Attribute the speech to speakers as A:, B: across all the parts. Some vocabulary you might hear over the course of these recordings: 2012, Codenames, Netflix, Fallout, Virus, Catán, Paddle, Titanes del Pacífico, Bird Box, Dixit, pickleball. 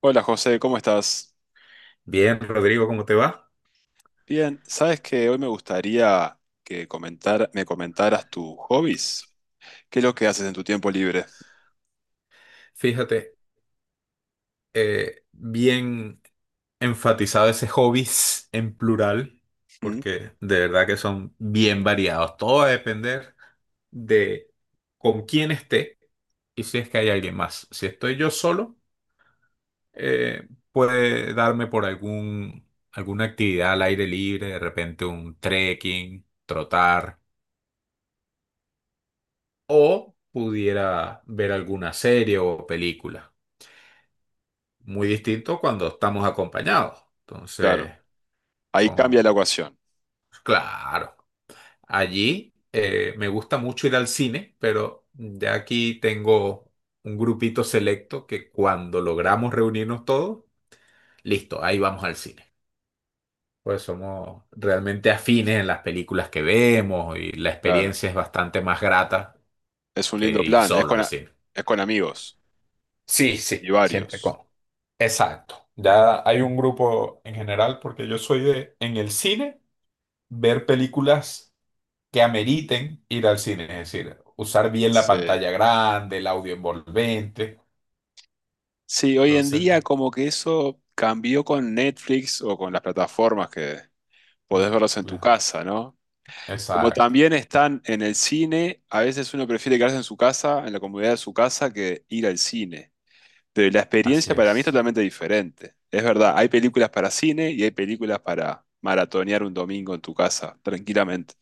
A: Hola José, ¿cómo estás?
B: Bien, Rodrigo, ¿cómo te va?
A: Bien, sabes que hoy me gustaría me comentaras tus hobbies. ¿Qué es lo que haces en tu tiempo libre?
B: Fíjate, bien enfatizado ese hobbies en plural,
A: Mm.
B: porque de verdad que son bien variados. Todo va a depender de con quién esté y si es que hay alguien más. Si estoy yo solo, puede darme por alguna actividad al aire libre, de repente un trekking, trotar, o pudiera ver alguna serie o película. Muy distinto cuando estamos acompañados.
A: Claro,
B: Entonces,
A: ahí cambia la
B: con...
A: ecuación.
B: claro, allí me gusta mucho ir al cine, pero ya aquí tengo un grupito selecto que cuando logramos reunirnos todos, listo, ahí vamos al cine. Pues somos realmente afines en las películas que vemos y la
A: Claro,
B: experiencia es bastante más grata
A: es un
B: que
A: lindo
B: ir
A: plan,
B: solo al cine.
A: es con amigos
B: Sí,
A: y
B: sí, siempre
A: varios.
B: con. Exacto. Ya hay un grupo en general porque yo soy de en el cine. Ver películas que ameriten ir al cine, es decir, usar bien la
A: Sí.
B: pantalla grande, el audio envolvente.
A: Sí, hoy en
B: Entonces,
A: día como que eso cambió con Netflix o con las plataformas que podés verlos en tu
B: claro,
A: casa, ¿no? Como
B: exacto,
A: también están en el cine, a veces uno prefiere quedarse en su casa, en la comodidad de su casa, que ir al cine. Pero la
B: así
A: experiencia para mí es
B: es.
A: totalmente diferente. Es verdad, hay películas para cine y hay películas para maratonear un domingo en tu casa, tranquilamente.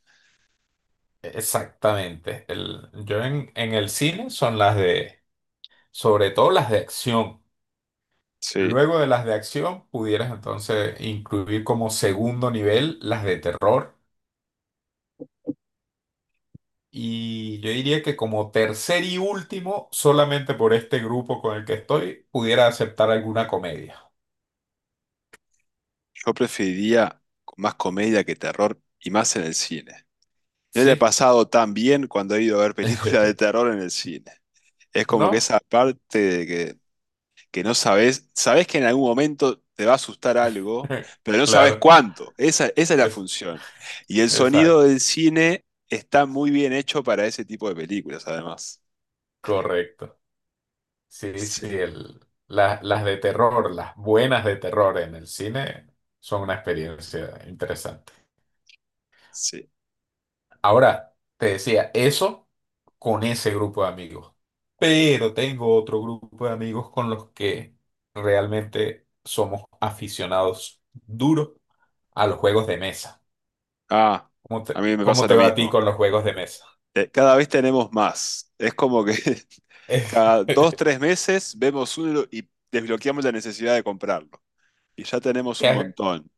B: Exactamente. Yo en el cine son las de, sobre todo las de acción.
A: Sí,
B: Luego de las de acción, pudieras entonces incluir como segundo nivel las de terror. Y yo diría que como tercer y último, solamente por este grupo con el que estoy, pudiera aceptar alguna comedia.
A: yo preferiría más comedia que terror y más en el cine. No le he
B: Sí.
A: pasado tan bien cuando he ido a ver películas de terror en el cine. Es como que
B: No.
A: esa parte de que no sabes, sabes que en algún momento te va a asustar algo, pero no sabes
B: Claro.
A: cuánto. Esa es la
B: Es,
A: función. Y el sonido
B: exacto.
A: del cine está muy bien hecho para ese tipo de películas, además.
B: Correcto. Sí,
A: Sí,
B: sí. Las de terror, las buenas de terror en el cine son una experiencia interesante.
A: sí.
B: Ahora, te decía, eso con ese grupo de amigos. Pero tengo otro grupo de amigos con los que realmente somos aficionados duros a los juegos de mesa.
A: Ah,
B: ¿Cómo
A: a
B: te,
A: mí me
B: cómo
A: pasa
B: te
A: lo
B: va a ti
A: mismo.
B: con los juegos de mesa?
A: Cada vez tenemos más. Es como que cada dos,
B: ¿Qué
A: tres meses vemos uno y desbloqueamos la necesidad de comprarlo. Y ya tenemos un
B: has,
A: montón.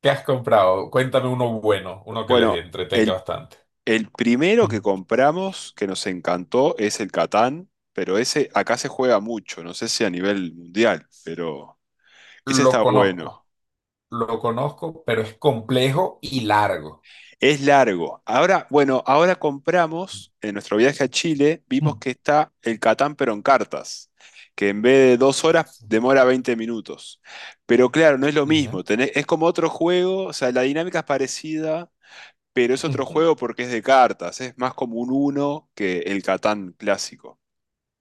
B: ¿Qué has comprado? Cuéntame uno bueno, uno que les
A: Bueno,
B: entretenga
A: el
B: bastante.
A: El primero que
B: Mm.
A: compramos que nos encantó es el Catán, pero ese acá se juega mucho, no sé si a nivel mundial, pero ese
B: Lo
A: está bueno.
B: conozco, lo conozco, pero es complejo y largo.
A: Es largo. Ahora, bueno, ahora compramos, en nuestro viaje a Chile, vimos
B: Mm.
A: que está el Catán pero en cartas, que en vez de 2 horas demora 20 minutos. Pero claro, no es lo
B: ¿Ya?
A: mismo, es como otro juego, o sea, la dinámica es parecida, pero es otro
B: Ujú.
A: juego porque es de cartas, es más como un uno que el Catán clásico.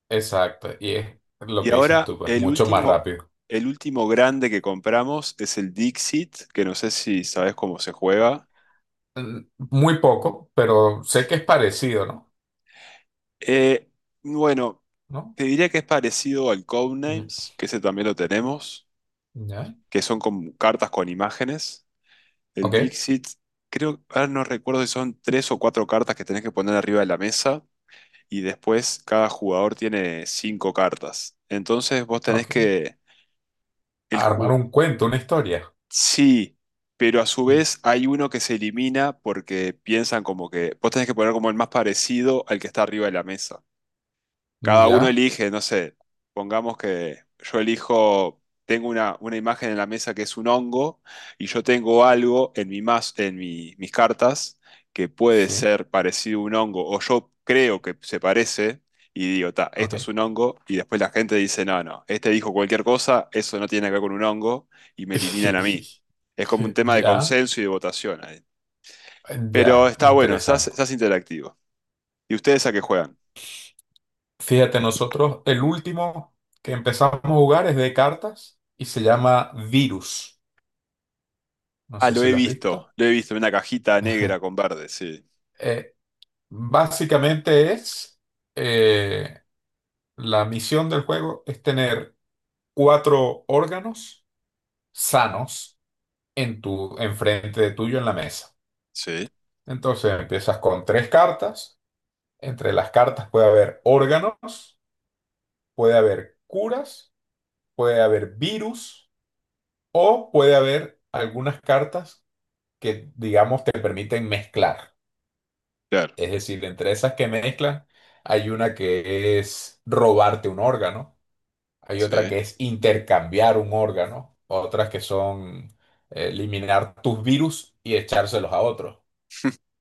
B: Exacto, y es lo
A: Y
B: que dices
A: ahora
B: tú, pues mucho más rápido.
A: el último grande que compramos es el Dixit, que no sé si sabes cómo se juega.
B: Mm, Muy poco, pero sé que es parecido, ¿no?
A: Eh, bueno,
B: ¿No?
A: te diría que es parecido al
B: Ujú.
A: Codenames, que ese también lo tenemos,
B: ¿Ya?
A: que son como cartas con imágenes. El
B: Ok,
A: Dixit, creo, ahora no recuerdo si son tres o cuatro cartas que tenés que poner arriba de la mesa y después cada jugador tiene cinco cartas. Entonces vos tenés
B: ok.
A: que... El, ju-
B: Armar un cuento, una historia.
A: Sí, pero a su vez hay uno que se elimina porque piensan como que vos tenés que poner como el más parecido al que está arriba de la mesa.
B: Mm,
A: Cada uno
B: ¿Ya?
A: elige, no sé, pongamos que yo elijo, tengo una imagen en la mesa que es un hongo y yo tengo algo en, mi mas- en mi- mis cartas que puede
B: Sí,
A: ser parecido a un hongo o yo creo que se parece y digo, ta, esto es
B: ok.
A: un hongo y después la gente dice, no, no, este dijo cualquier cosa, eso no tiene que ver con un hongo y me eliminan a mí. Es como un tema de
B: Ya,
A: consenso y de votación ahí. Pero
B: ya,
A: está bueno, se hace
B: interesante.
A: se hace interactivo. ¿Y ustedes a qué juegan?
B: Fíjate, nosotros el último que empezamos a jugar es de cartas y se llama Virus. No
A: Ah,
B: sé si lo has visto.
A: lo he visto, en una cajita negra con verde, sí,
B: Eh, Básicamente eh, la misión del juego es tener cuatro órganos sanos enfrente de tuyo en la mesa.
A: sí,
B: Entonces empiezas con tres cartas. Entre las cartas puede haber órganos, puede haber curas, puede haber virus o puede haber algunas cartas que, digamos, te permiten mezclar.
A: claro,
B: Es decir, entre esas que mezclan, hay una que es robarte un órgano, hay otra
A: sí,
B: que es intercambiar un órgano, otras que son eliminar tus virus y echárselos a otros.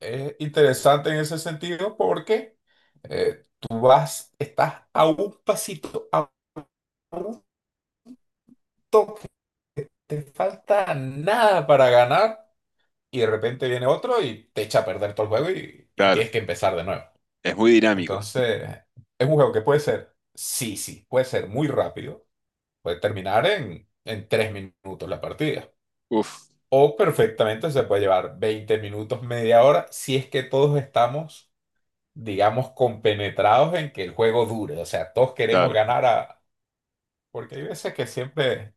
B: Es interesante en ese sentido porque estás a un pasito, a un toque, te falta nada para ganar y de repente viene otro y te echa a perder todo el juego y
A: claro,
B: tienes que empezar de nuevo.
A: es muy dinámico,
B: Entonces, es un juego que sí, sí, puede ser muy rápido, puede terminar en, 3 minutos la partida.
A: uf,
B: O perfectamente se puede llevar 20 minutos, media hora, si es que todos estamos, digamos, compenetrados en que el juego dure. O sea, todos queremos
A: claro,
B: ganar a... Porque hay veces que siempre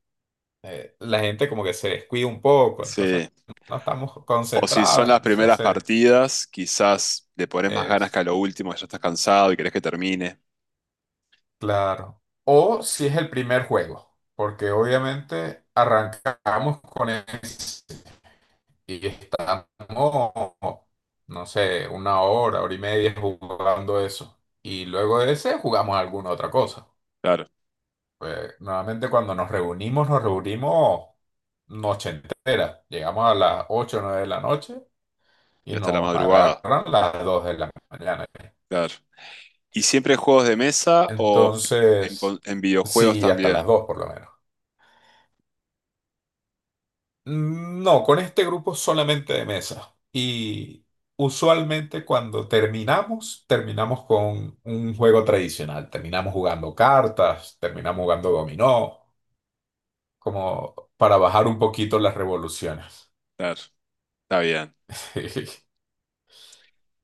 B: la gente como que se descuida un poco, entonces
A: sí.
B: no estamos
A: O si son
B: concentrados,
A: las
B: entonces se
A: primeras
B: hace...
A: partidas, quizás le pones más ganas que
B: es
A: a lo último, que ya estás cansado y querés que termine.
B: Claro. O si es el primer juego, porque obviamente arrancamos con ese y estamos, no sé, una hora, hora y media jugando eso. Y luego de ese jugamos alguna otra cosa.
A: Claro,
B: Pues, normalmente cuando nos reunimos noche entera. Llegamos a las 8 o 9 de la noche
A: y
B: y
A: hasta la
B: nos
A: madrugada.
B: agarran las 2 de la mañana.
A: Claro. ¿Y siempre juegos de mesa o en,
B: Entonces,
A: en videojuegos
B: sí, hasta las
A: también?
B: 2 por lo menos. No, con este grupo solamente de mesa. Y usualmente cuando terminamos, terminamos con un juego tradicional. Terminamos jugando cartas, terminamos jugando dominó, como para bajar un poquito las revoluciones.
A: Claro, está bien.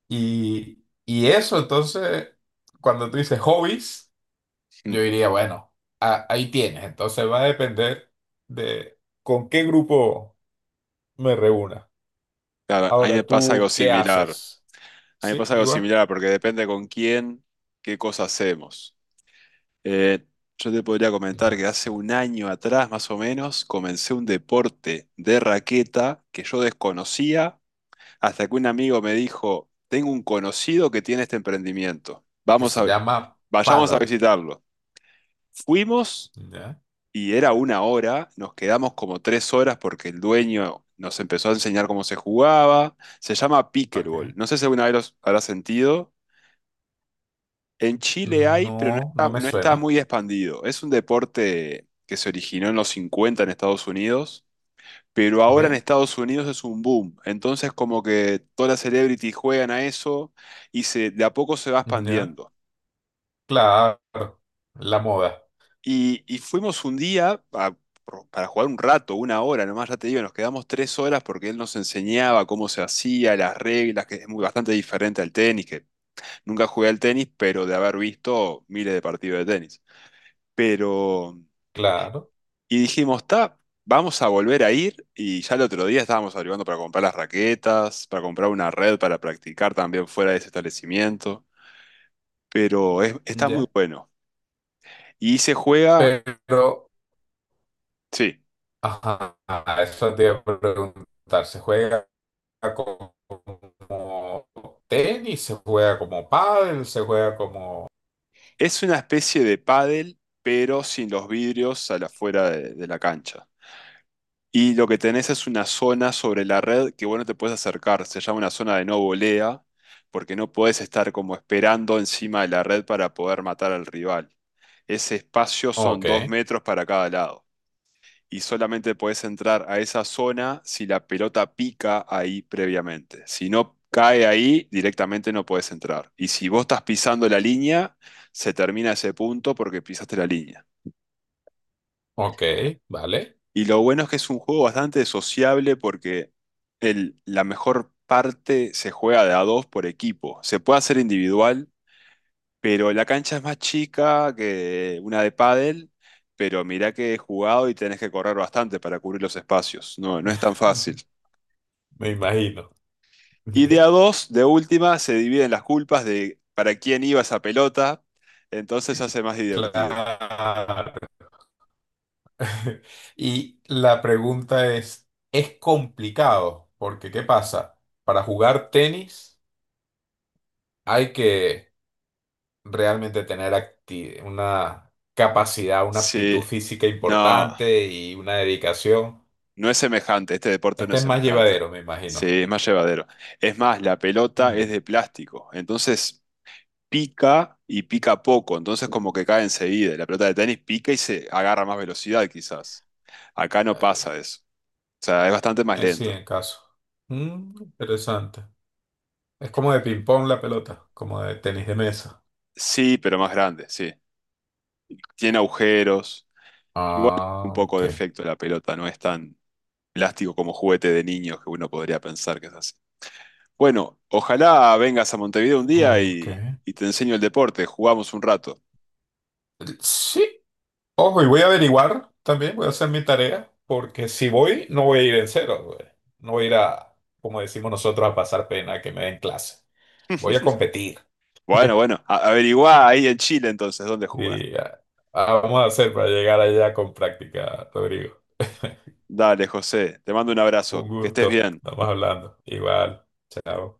B: Y, y eso, entonces, cuando tú dices hobbies,
A: Mm.
B: yo diría, bueno, ahí tienes. Entonces va a depender de con qué grupo me reúna.
A: Claro, a mí me
B: Ahora,
A: pasa algo
B: ¿tú qué
A: similar.
B: haces?
A: A mí me
B: Sí,
A: pasa algo
B: igual.
A: similar porque depende con quién, qué cosa hacemos. Eh, yo te podría comentar que
B: Claro.
A: hace un año atrás, más o menos, comencé un deporte de raqueta que yo desconocía hasta que un amigo me dijo, tengo un conocido que tiene este emprendimiento.
B: Que se llama
A: Vayamos a
B: Paddle.
A: visitarlo. Fuimos,
B: ¿Ya?
A: y era una hora, nos quedamos como 3 horas porque el dueño nos empezó a enseñar cómo se jugaba. Se llama pickleball.
B: Ok.
A: No sé si alguna vez los habrá sentido. En Chile hay, pero
B: No, no me
A: no está
B: suena.
A: muy expandido. Es un deporte que se originó en los 50 en Estados Unidos, pero
B: ¿Ok?
A: ahora en Estados Unidos es un boom. Entonces como que todas las celebrities juegan a eso y se, de a poco se va
B: ¿Ya?
A: expandiendo.
B: Claro. La moda.
A: Y fuimos un día para jugar un rato, una hora nomás, ya te digo, nos quedamos 3 horas porque él nos enseñaba cómo se hacía, las reglas, que es muy, bastante diferente al tenis, que nunca jugué al tenis, pero de haber visto miles de partidos de tenis. Pero,
B: Claro.
A: y dijimos, está, vamos a volver a ir, y ya el otro día estábamos averiguando para comprar las raquetas, para comprar una red para practicar también fuera de ese establecimiento, pero está muy
B: ¿Ya?
A: bueno. Y se juega,
B: Pero,
A: sí.
B: ajá, eso te iba a preguntar. ¿Se juega como tenis? ¿Se juega como pádel? ¿Se juega como...?
A: Es una especie de pádel, pero sin los vidrios a la fuera de la cancha. Y lo que tenés es una zona sobre la red que vos no te puedes acercar. Se llama una zona de no volea, porque no podés estar como esperando encima de la red para poder matar al rival. Ese espacio son
B: Ok,
A: 2 metros para cada lado y solamente podés entrar a esa zona si la pelota pica ahí previamente. Si no cae ahí, directamente no podés entrar. Y si vos estás pisando la línea, se termina ese punto porque pisaste la línea.
B: ok, vale.
A: Y lo bueno es que es un juego bastante sociable porque la mejor parte se juega de a dos por equipo. Se puede hacer individual, pero la cancha es más chica que una de pádel. Pero mirá que he jugado y tenés que correr bastante para cubrir los espacios. No, no es tan fácil.
B: Me imagino.
A: Y de a dos, de última, se dividen las culpas de para quién iba esa pelota, entonces se hace más divertido.
B: Claro. Y la pregunta es, complicado, porque ¿qué pasa? Para jugar tenis hay que realmente tener una capacidad, una aptitud
A: Sí,
B: física
A: no,
B: importante y una dedicación.
A: no es semejante, este deporte no
B: Este
A: es
B: es más
A: semejante.
B: llevadero, me imagino.
A: Sí, es más llevadero. Es más, la pelota es
B: Mm.
A: de plástico, entonces pica y pica poco, entonces como que cae enseguida. La pelota de tenis pica y se agarra más velocidad quizás. Acá no
B: Eh,
A: pasa eso. O sea, es bastante más
B: sí,
A: lento.
B: en caso. Mm, interesante. Es como de ping-pong la pelota, como de tenis de mesa.
A: Sí, pero más grande, sí. Tiene agujeros. Igual un
B: Ah,
A: poco
B: ok.
A: de efecto la pelota, no es tan plástico como juguete de niños que uno podría pensar que es así. Bueno, ojalá vengas a Montevideo un día
B: Ok.
A: y te enseño el deporte, jugamos un rato.
B: Sí, ojo, y voy a averiguar también, voy a hacer mi tarea, porque si voy, no voy a ir en cero, güey. No voy a ir a, como decimos nosotros, a pasar pena que me den clase. Voy a competir.
A: Bueno, bueno, averiguá ahí en Chile entonces dónde jugar.
B: Y ah, Vamos a hacer para llegar allá con práctica, Rodrigo.
A: Dale, José, te mando un
B: Un
A: abrazo, que estés
B: gusto.
A: bien.
B: Estamos hablando. Igual. Chao.